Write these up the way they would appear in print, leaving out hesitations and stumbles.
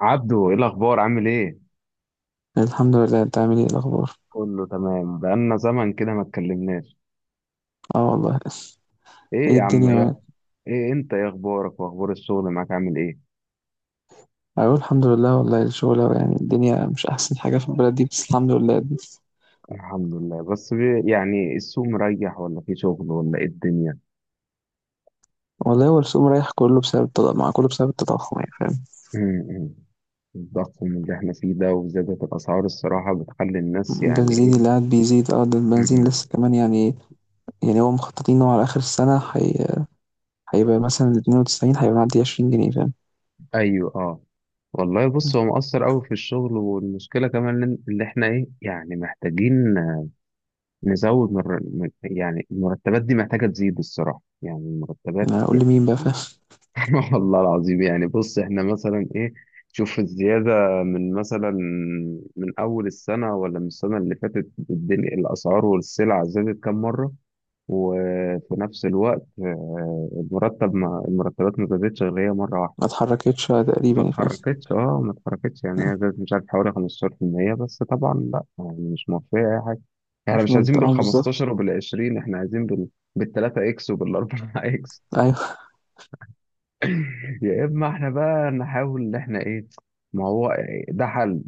عبدو ايه الاخبار عامل ايه؟ الحمد لله، انت عامل ايه الاخبار؟ كله تمام، بقالنا زمن كده ما اتكلمناش. اه والله. ايه ايه يا عم الدنيا معاك؟ ايه؟ ايه انت ايه اخبارك واخبار الشغل معاك عامل ايه؟ اقول الحمد لله والله. الشغل يعني الدنيا مش احسن حاجه في البلد دي، بس الحمد لله. الحمد لله. بس يعني السوق مريح ولا في شغل ولا ايه الدنيا؟ والله هو السوق رايح كله بسبب التضخم، يعني فاهم. أمم. الضخم اللي احنا فيه ده وزيادة الاسعار الصراحة بتخلي الناس يعني البنزين ايه. اللي قاعد بيزيد، اه ده البنزين أمم. لسه كمان يعني. يعني هو مخططين انه على اخر السنه هيبقى مثلا 92، هيبقى معدي 20 جنيه فاهم. ايوه اه. والله بص هو مؤثر قوي في الشغل، والمشكله كمان اللي احنا ايه يعني محتاجين نزود يعني المرتبات دي محتاجة تزيد الصراحة، يعني المرتبات انا اقول لي يعني. مين بقى فاهم. والله العظيم يعني بص احنا مثلا ايه. شوف الزيادة من مثلا، من أول السنة ولا من السنة اللي فاتت، الدنيا الأسعار والسلع زادت كام مرة؟ وفي نفس الوقت آه، المرتبات ما زادتش غير هي مرة واحدة. ما اتحركتش تقريبا يعني فاهم. ما اتحركتش، يعني هي زادت مش عارف حوالي 15% بس طبعا، لا يعني مش موفية اي حاجة. احنا مش مش عايزين منطقه بال بالظبط. 15 وبال 20، احنا عايزين بال 3 اكس وبال 4 اكس. ايوه يا اما احنا بقى نحاول ان احنا ايه. ما هو ده حل،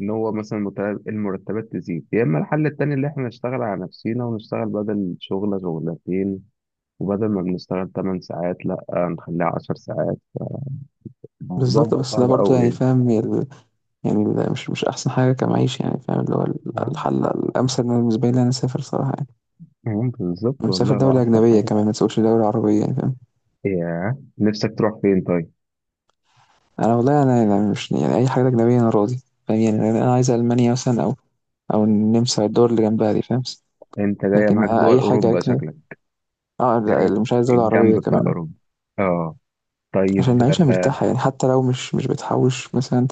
ان هو مثلا المرتبات تزيد، يا اما الحل التاني اللي احنا نشتغل على نفسينا ونشتغل بدل شغلة شغلتين، وبدل ما بنشتغل 8 ساعات لا نخليها 10 ساعات. الموضوع بالظبط، بقى بس ده صعب برضو يعني قوي فاهم. يعني ده مش احسن حاجه كمعيشه يعني فاهم. اللي هو يعني. الحل الامثل بالنسبه لي إن انا اسافر صراحه يعني. مم، بالظبط انا مسافر والله هو دوله احسن اجنبيه، حاجه. كمان ما تسوقش دوله عربيه يعني فاهم. ياه، نفسك تروح فين طيب؟ انا والله، انا يعني مش يعني اي حاجه اجنبيه انا راضي فاهم. يعني انا عايز المانيا مثلا، او النمسا، الدول اللي جنبها دي فاهم. انت جايه لكن معاك دول اي حاجه اوروبا اجنبيه. شكلك. اه لا، جاي اللي مش عايز دولة عربية الجنب بتاع كمان أهو. اوروبا، اه. عشان طيب نعيشها آه. مرتاحة، يعني حتى لو مش بتحوش مثلا.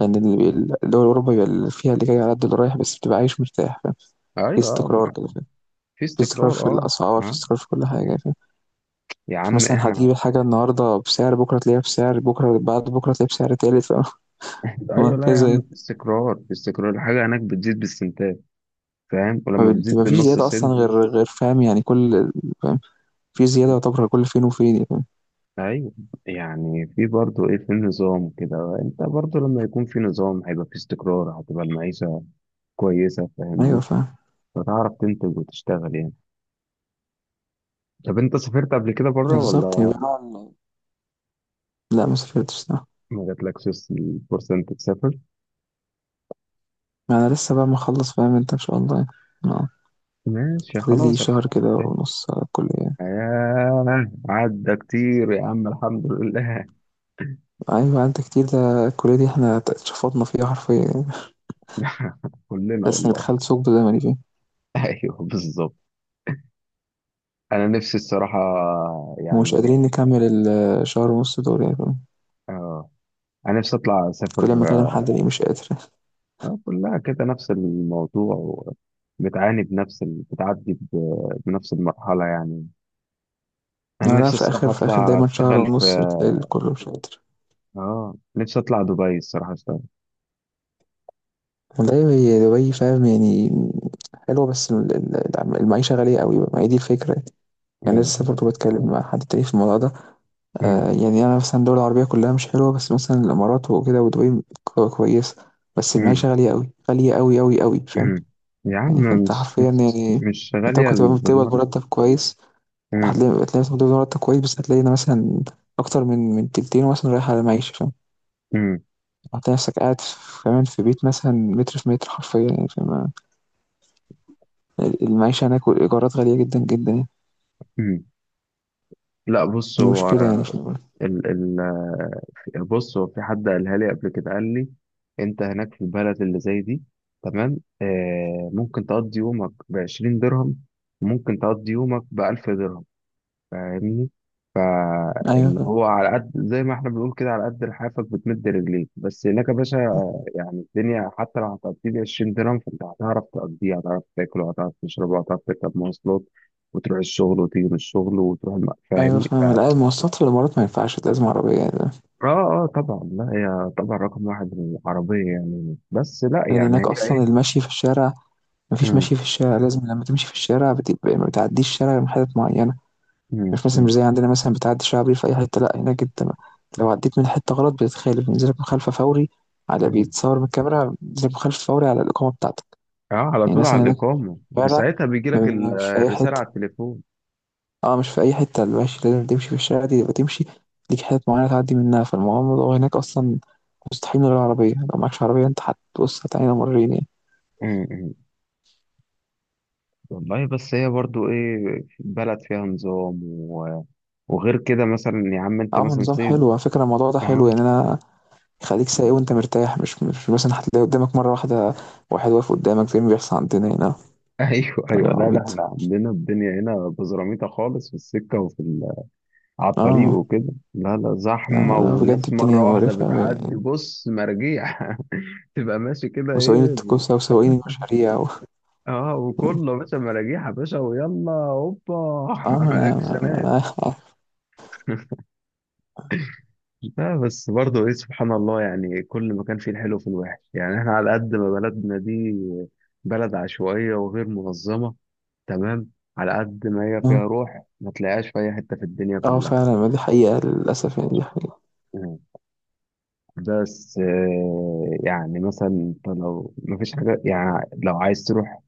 لأن يعني الدول الأوروبية بيبقى اللي فيها اللي جاي على قد اللي رايح، بس بتبقى عايش مرتاح فاهم. في ايوه آه، استقرار كده فاهم. في في استقرار استقرار في اه. الأسعار، في اه. استقرار في كل مم. حاجة. يا عم مثلا احنا. هتجيب الحاجة النهاردة بسعر، بكرة تلاقيها بسعر، بكرة بعد بكرة تلاقيها بسعر تالت فاهم؟ ايوه لا يا وهكذا عم، يعني. في استقرار، في استقرار، الحاجه هناك بتزيد بالسنتات، فاهم؟ ولما بتزيد ما فيش بالنص زيادة أصلا سنت. غير فاهم، يعني كل فاهم. في زيادة يعتبر كل فين وفين يعني. ايوه. يعني في برضه ايه، في نظام كده، انت برضه لما يكون في نظام هيبقى في استقرار، هتبقى المعيشه كويسه أيوه فاهمني. فاهم. فتعرف تنتج وتشتغل يعني. طب انت سافرت قبل كده بره بالظبط، ولا؟ يبقى نوع لا ما سافرتش لا. ما جاتلكش الفرصة انت تسافر؟ ما أنا لسه بقى مخلص فاهم أنت إن شاء الله يعني. آه. ماشي، فاضل لي خلاص الحمد شهر كده لله. ونص على الكلية يعني. آه عدى كتير يا عم، الحمد لله. أيوة أنت كتير، ده الكلية دي إحنا اتشفطنا فيها حرفيا يعني. كلنا بس أنا والله. دخلت ثقب زمني فيه ايوه بالظبط. انا نفسي الصراحة ومش يعني، قادرين نكمل الشهر ونص دول يعني فاهم؟ اه انا نفسي اطلع اسافر. كل ما أكلم حد يلاقيه مش قادر. آه، كلها كده نفس الموضوع، بتعاني بنفس بتعدي بنفس المرحلة يعني. انا ما لا، نفسي في آخر الصراحة في آخر اطلع دايما شهر اشتغل في، ونص بتلاقي الكل مش قادر. اه نفسي اطلع دبي الصراحة اشتغل. والله هي دبي فاهم يعني. حلوة، بس المعيشة غالية قوي، ما هي دي الفكرة يعني. أنا مم. لسه برضه بتكلم مع حد تاني في الموضوع ده. مم. آه يعني أنا مثلا الدول العربية كلها مش حلوة، بس مثلا الإمارات وكده ودبي كويسة. بس مم. المعيشة غالية قوي، غالية قوي قوي قوي فاهم. مم. يا يعني عم فأنت مش حرفيا مش يعني مش أنت غالية ممكن تبقى بتقبض بالمرة. مرتب كويس. مم. هتلاقي مثلا بتقبض مرتب كويس، بس هتلاقي إن مثلا أكتر من تلتين مثلا رايح على المعيشة فاهم. مم. انت نفسك قاعد كمان في بيت مثلا متر في متر حرفيا يعني فاهم. المعيشة هناك والإيجارات غالية جدا جدا يعني. مم. لا بص دي هو مشكلة يعني في البلد. ال، بص هو في حد قالها لي قبل كده قال لي انت هناك في البلد اللي زي دي تمام، آه ممكن تقضي يومك بعشرين درهم، ممكن تقضي يومك بألف درهم، فاهمني؟ أيوة فاللي فاهم. هو على قد زي ما احنا بنقول كده، على قد لحافك بتمد رجليك، بس هناك يا باشا يعني الدنيا حتى لو هتقضي لي 20 درهم فانت هتعرف تقضيها، هتعرف تاكل وهتعرف تشرب وهتعرف تركب مواصلات وتروح الشغل وتيجي من الشغل وتروح أيوة فاهمني؟ فاهم. اه. لا المواصلات في الإمارات ما ينفعش، لازم عربية يعني فاهم؟ اه طبعا، لا هي طبعا رقم واحد العربية يعني، بس لا لأن يعني هناك هي أصلا ايه. المشي في الشارع، مفيش مم، مشي في الشارع، لازم لما تمشي في الشارع بتبقى ما بتعديش الشارع من حتت معينة. مم، مش مم، زي عندنا، مثلا بتعدي شعبي في أي حتة، لا هناك أنت لو عديت من حتة غلط بتتخالف، بينزلك مخالفة فوري، على مم. بيتصور من الكاميرا بينزلك مخالفة فوري على الإقامة بتاعتك. اه على يعني طول على مثلا هناك في الإقامة، في الشارع ساعتها بيجي لك مش في أي الرسالة حتة. على التليفون. اه مش في أي حتة، المشي لازم تمشي في الشارع دي يبقى تمشي، ليك حتت معينة تعدي منها. فالموضوع هناك أصلا مستحيل من غير عربية، لو معكش عربية أنت هتبص هتعاني مرين يعني. مم، مم. والله بس هي برضو ايه، بلد فيها نظام و... وغير كده مثلا يا عم انت عامل مثلا نظام سيب. حلو على فكرة، الموضوع ده حلو اه. يعني. أنا يخليك سايق وأنت مرتاح، مش مثلا هتلاقي قدامك مرة واحدة واحد واقف قدامك زي ما بيحصل عندنا هنا. ايوه كلام ايوه، لا ده عبيط. احنا عندنا الدنيا هنا بزراميطه خالص، في السكه وفي على الطريق اه وكده، لا لا لا زحمه، لا، بجد والناس مره الدنيا واحده مقرفة بتعدي يعني. بص مراجيح. تبقى ماشي كده ايه. وسواقين التكوسة وسواقين المشاريع و... اه وكله باشا مراجيح يا باشا ويلا هوبا. اه ما أنا اكشنات. ما أنا- لا بس برضه ايه، سبحان الله يعني، كل ما كان فيه الحلو في الوحش. يعني احنا على قد ما بلدنا دي بلد عشوائية وغير منظمة تمام، على قد ما هي فيها آه. روح ما تلاقيهاش في اي حتة في الدنيا اه كلها. فعلا، ما دي حقيقة للأسف يعني، دي حقيقة. مم. بس آه، يعني مثلا انت لو ما فيش حاجة، يعني لو عايز تروح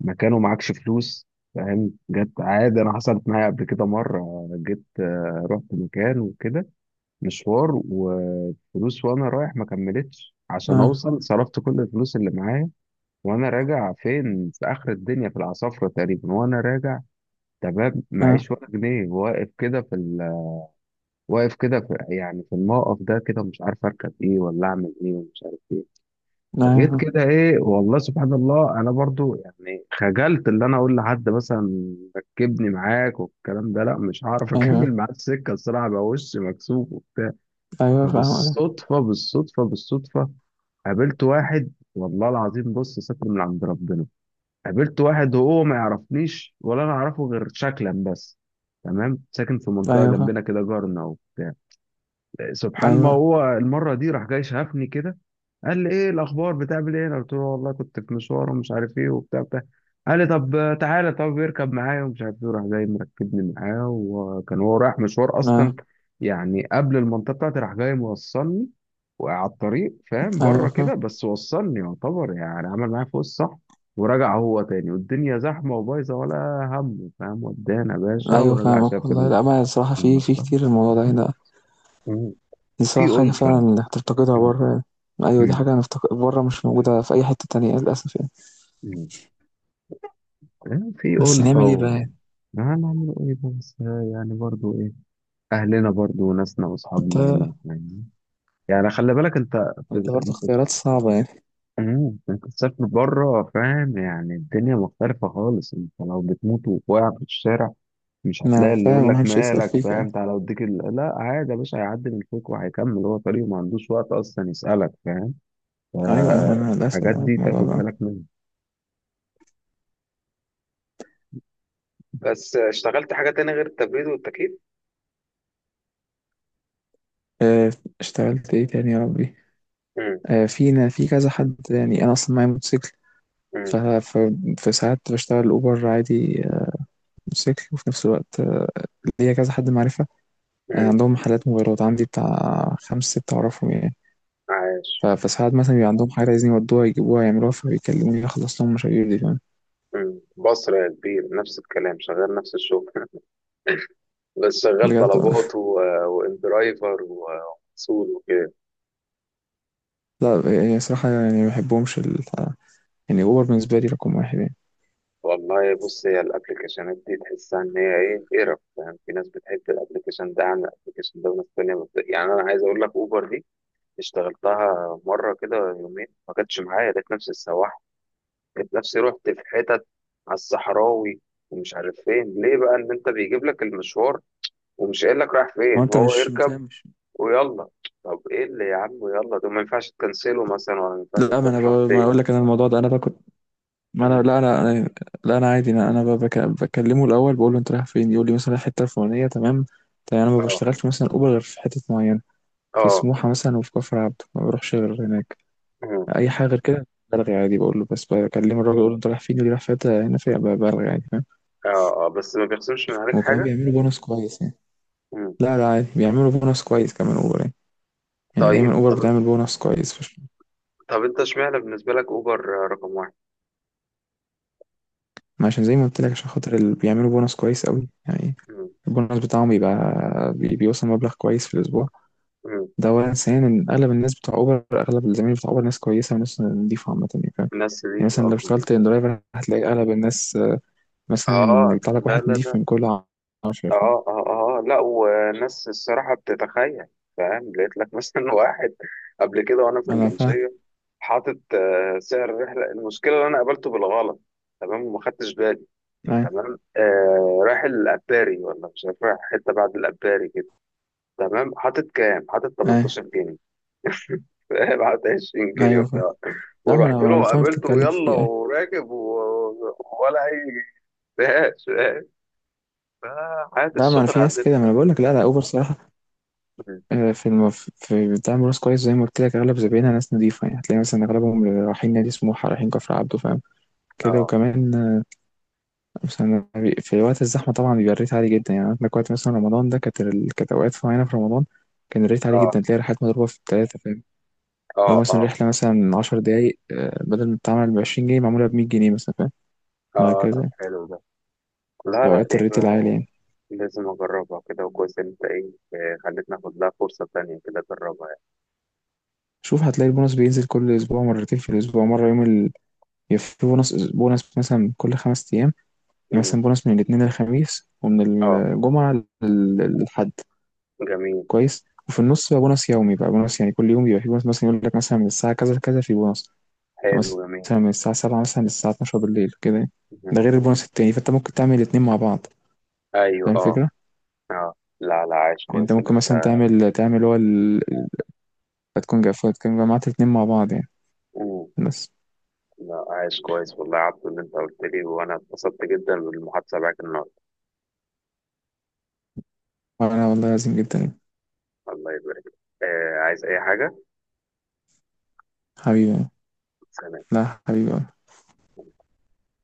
مكان ومعكش فلوس، فاهم؟ جت عادي، انا حصلت معايا قبل كده مرة. جيت آه، رحت مكان وكده مشوار، وفلوس وانا رايح ما كملتش عشان اه اوصل، صرفت كل الفلوس اللي معايا. وانا راجع فين، في اخر الدنيا في العصافرة تقريبا. وانا راجع تمام، اه. معيش ولا جنيه، واقف كده في واقف كده يعني في الموقف ده كده مش عارف اركب ايه ولا اعمل ايه ومش عارف ايه. فجيت أيوه كده ايه، والله سبحان الله انا برضو يعني خجلت اللي انا اقول لحد مثلا ركبني معاك والكلام ده، لا مش هعرف. اكمل أيوه. معاه السكه الصراحه بقى، وشي مكسوف. أيوه فاهم. فبالصدفة بالصدفة بالصدفة قابلت واحد، والله العظيم بص، ستر من عند ربنا. قابلت واحد وهو ما يعرفنيش ولا انا اعرفه غير شكلا بس، تمام، ساكن في منطقة أيوه فاهم. جنبنا كده جارنا اهو. سبحان، ما أيوه هو المره دي راح جاي شافني كده، قال لي ايه الاخبار بتعمل ايه؟ انا قلت له والله كنت في مشوار ومش عارف ايه وبتاع بتاع. قال لي طب تعالى طب اركب معايا ومش عارف ايه. راح جاي مركبني معاه، وكان هو رايح مشوار اه. اصلا، يعني قبل المنطقه بتاعتي، راح جاي موصلني وعلى الطريق فاهم، بره أيوه كده فاهم. بس وصلني، يعتبر يعني عمل معايا فوق الصح. ورجع هو تاني والدنيا زحمه وبايظه ولا هم، فاهم؟ ودانا يا باشا أيوه ورجع شاف فاهمك والله. لا ما الصراحة في المصلحه. كتير الموضوع ده هنا. مم. دي في صراحة حاجة فعلا ألفة. إنك تفتقدها مم. بره يعني. أيوه، دي مم. حاجة هنفتقد بره مش موجودة في أي حتة تانية للأسف يعني. مم. يعني في بس ألفة نعمل إيه و... بقى يعني؟ هنعمل إيه بقى؟ بس آه، يعني برضو إيه، أهلنا برضو وناسنا أنت وأصحابنا هنا يعني. يعني خلي بالك أنت، أنت برضه أنت. اختيارات صعبة يعني. مم. أنت تسافر بره فاهم يعني الدنيا مختلفة خالص. أنت لو بتموت وواقع في الشارع مش ما هتلاقي اللي يقول فاهم لك محدش يسأل مالك، فيك يعني. فاهم؟ تعالى أوديك لا، عادي يا باشا، هيعدي من فوق وهيكمل هو طريقه، ما عندوش وقت أصلا يسألك فاهم. أيوه أيوه، أنا للأسف الحاجات أنا في دي الموضوع تاخد ده. بالك منها. بس آه، اشتغلت حاجة تانية غير التبريد والتكييف؟ آه، اشتغلت إيه تاني يا ربي. مم. آه، فينا في كذا حد يعني، انا اصلا معايا موتوسيكل. مم. ف... ف... فساعات بشتغل اوبر عادي آه، موتوسيكل، وفي نفس الوقت آه، ليا كذا حد معرفه، آه، امم. عندهم محلات موبايلات، عندي بتاع خمس ست اعرفهم يعني. عايش. فساعات مثلا بيبقى عندهم حاجه عايزين يودوها يجيبوها يعملوها، فبيكلموني اخلص لهم مشاوير دي فاهم. امم. بصرة يا كبير، نفس الكلام، شغال نفس الشغل. بس شغال بجد طلبات والله. و... وان درايفر ومسؤول وكده. لا، يعني صراحه يعني ما بحبهمش. يعني اوبر بالنسبه لي رقم واحد يعني. والله بص، هي الابلكيشنات دي تحسها ان هي ايه قرف يعني، في ناس بتحب الابلكيشن ده عن الابلكيشن ده، وناس تانية يعني انا عايز اقول لك اوبر دي اشتغلتها مرة كده يومين، ما كانتش معايا، لقيت نفسي السواح. لقيت نفسي رحت في حتت على الصحراوي ومش عارف فين، ليه بقى ان انت بيجيب لك المشوار ومش قايل لك رايح فين، ما انت هو مش بتاع اركب مش ويلا. طب ايه اللي يا عم يلا ده، ما ينفعش تكنسله مثلا ولا ما ينفعش لا، تضغط ما أنا اقول ايه؟ لك انا الموضوع ده انا باكل. ما انا مم. لا انا أنا- لا انا عادي، انا بكلمه الاول بقول له انت رايح فين، يقول لي مثلا رايح الحته الفلانيه تمام. تمام، انا ما اه بشتغلش مثلا اوبر غير في حته معينه، في اه. سموحه مثلا وفي كفر عبده، ما بروحش غير هناك. مم. اي حاجه غير كده بلغي عادي. بقول له، بس بكلم الراجل اقول له انت رايح فين، يقول لي رايح في حته هنا، في بلغي عادي فاهم. اه اه بس ما بيخصمش من عليك وكمان حاجة. بيعملوا بونص كويس يعني. مم. لا لا، عادي بيعملوا بونص كويس كمان اوبر يعني. يعني طيب. دايما اوبر طب بتعمل بونص كويس طب انت اشمعنى بالنسبة لك اوبر رقم واحد؟ ما عشان زي ما قلت لك، عشان خاطر اللي بيعملوا بونص كويس قوي يعني. مم. البونص بتاعهم بيبقى بيوصل مبلغ كويس في الاسبوع. مم. ده أولا. ثانيا، أغلب الناس بتوع أوبر، أغلب الزمايل بتوع أوبر، ناس كويسة وناس نضيفة عامة يعني فاهم. ناس دي يعني في مثلا اه لو اشتغلت كوميدي. درايفر هتلاقي أغلب الناس آه، مثلا آه، يطلع لك لا واحد لا نضيف لا. من كل 10 فاهم. اه اه اه، لا وناس الصراحة بتتخيل فاهم، لقيت لك مثلا واحد قبل كده وانا في أنا فاهم. المنشية، حاطط آه، سعر الرحلة، المشكلة اللي انا قابلته بالغلط تمام وما خدتش بالي، أيوة تمام آه رايح الأباري ولا مش عارف رايح حتة بعد الأباري كده تمام. حاطط كام؟ حاطط أيوة. 18 جنيه. فاهم، حاطط 20 جنيه أيوه فاهم. وبتاع. لا ما أنا ورحت ما له أنا فاهم وقابلته بتتكلم في ويلا إيه أيوة. وراكب و... ولا أي جنيه. فاهم. فحياة لا، ما أنا الشغل في ناس عندنا. كده ما أنا بقول لك، لا لا أوبر صراحة آه، في في بتعمل ناس كويس زي ما قلت لك، أغلب زباينها ناس نضيفة يعني، هتلاقي مثلا أغلبهم رايحين نادي سموحة رايحين كفر عبده فاهم. كده اه وكمان. بس أنا في وقت الزحمة طبعا بيبقى الريت عالي جدا يعني، عندك وقت مثلا رمضان ده، كانت كانت أوقات معينة في رمضان كان الريت عالي اه جدا، تلاقي رحلات مضروبة في التلاتة فاهم. اه لو مثلا اه رحلة مثلا 10 دقايق آه، بدل ما تتعمل بـ20 جنيه معمولة بـ100 جنيه مثلا فاهم. اه. طب وهكذا، حلو ده. لا لا، أوقات الريت يبقى العالي يعني. لازم اجربها كده، وكويس إن انت ايه، آه، خلتني اخد لها فرصة تانية كده اجربها يعني. شوف، هتلاقي البونص بينزل كل أسبوع مرتين في الأسبوع، مرة يوم. يبقى في بونص مثلا كل 5 أيام. يعني مم. مثلا بونص من الاثنين للخميس، ومن اه. الجمعة للحد. جميل. كويس، وفي النص بقى بونص يومي، بقى بونص يعني كل يوم بيبقى في بونص مثلا يقول لك مثلا من الساعة كذا لكذا في بونص، حلو جميل. مثلا من الساعة 7 مثلا للساعة 12 بالليل كده يعني. ده غير البونص التاني، فانت ممكن تعمل الاتنين مع بعض ايوه فاهم اه الفكرة؟ اه. لا لا عايش يعني انت كويس اللي ممكن انت. مثلا تعمل هو. هتكون تكون جمعت الاتنين مع بعض يعني. مم. بس. لا عايش كويس والله يا عبدو اللي انت قلت لي، وانا اتبسطت جدا بالمحادثه معاك النهارده. انا والله عظيم جدا يعني. الله يبارك لك. آه عايز اي حاجه؟ حبيبي يعني. سلام. لا حبيبي.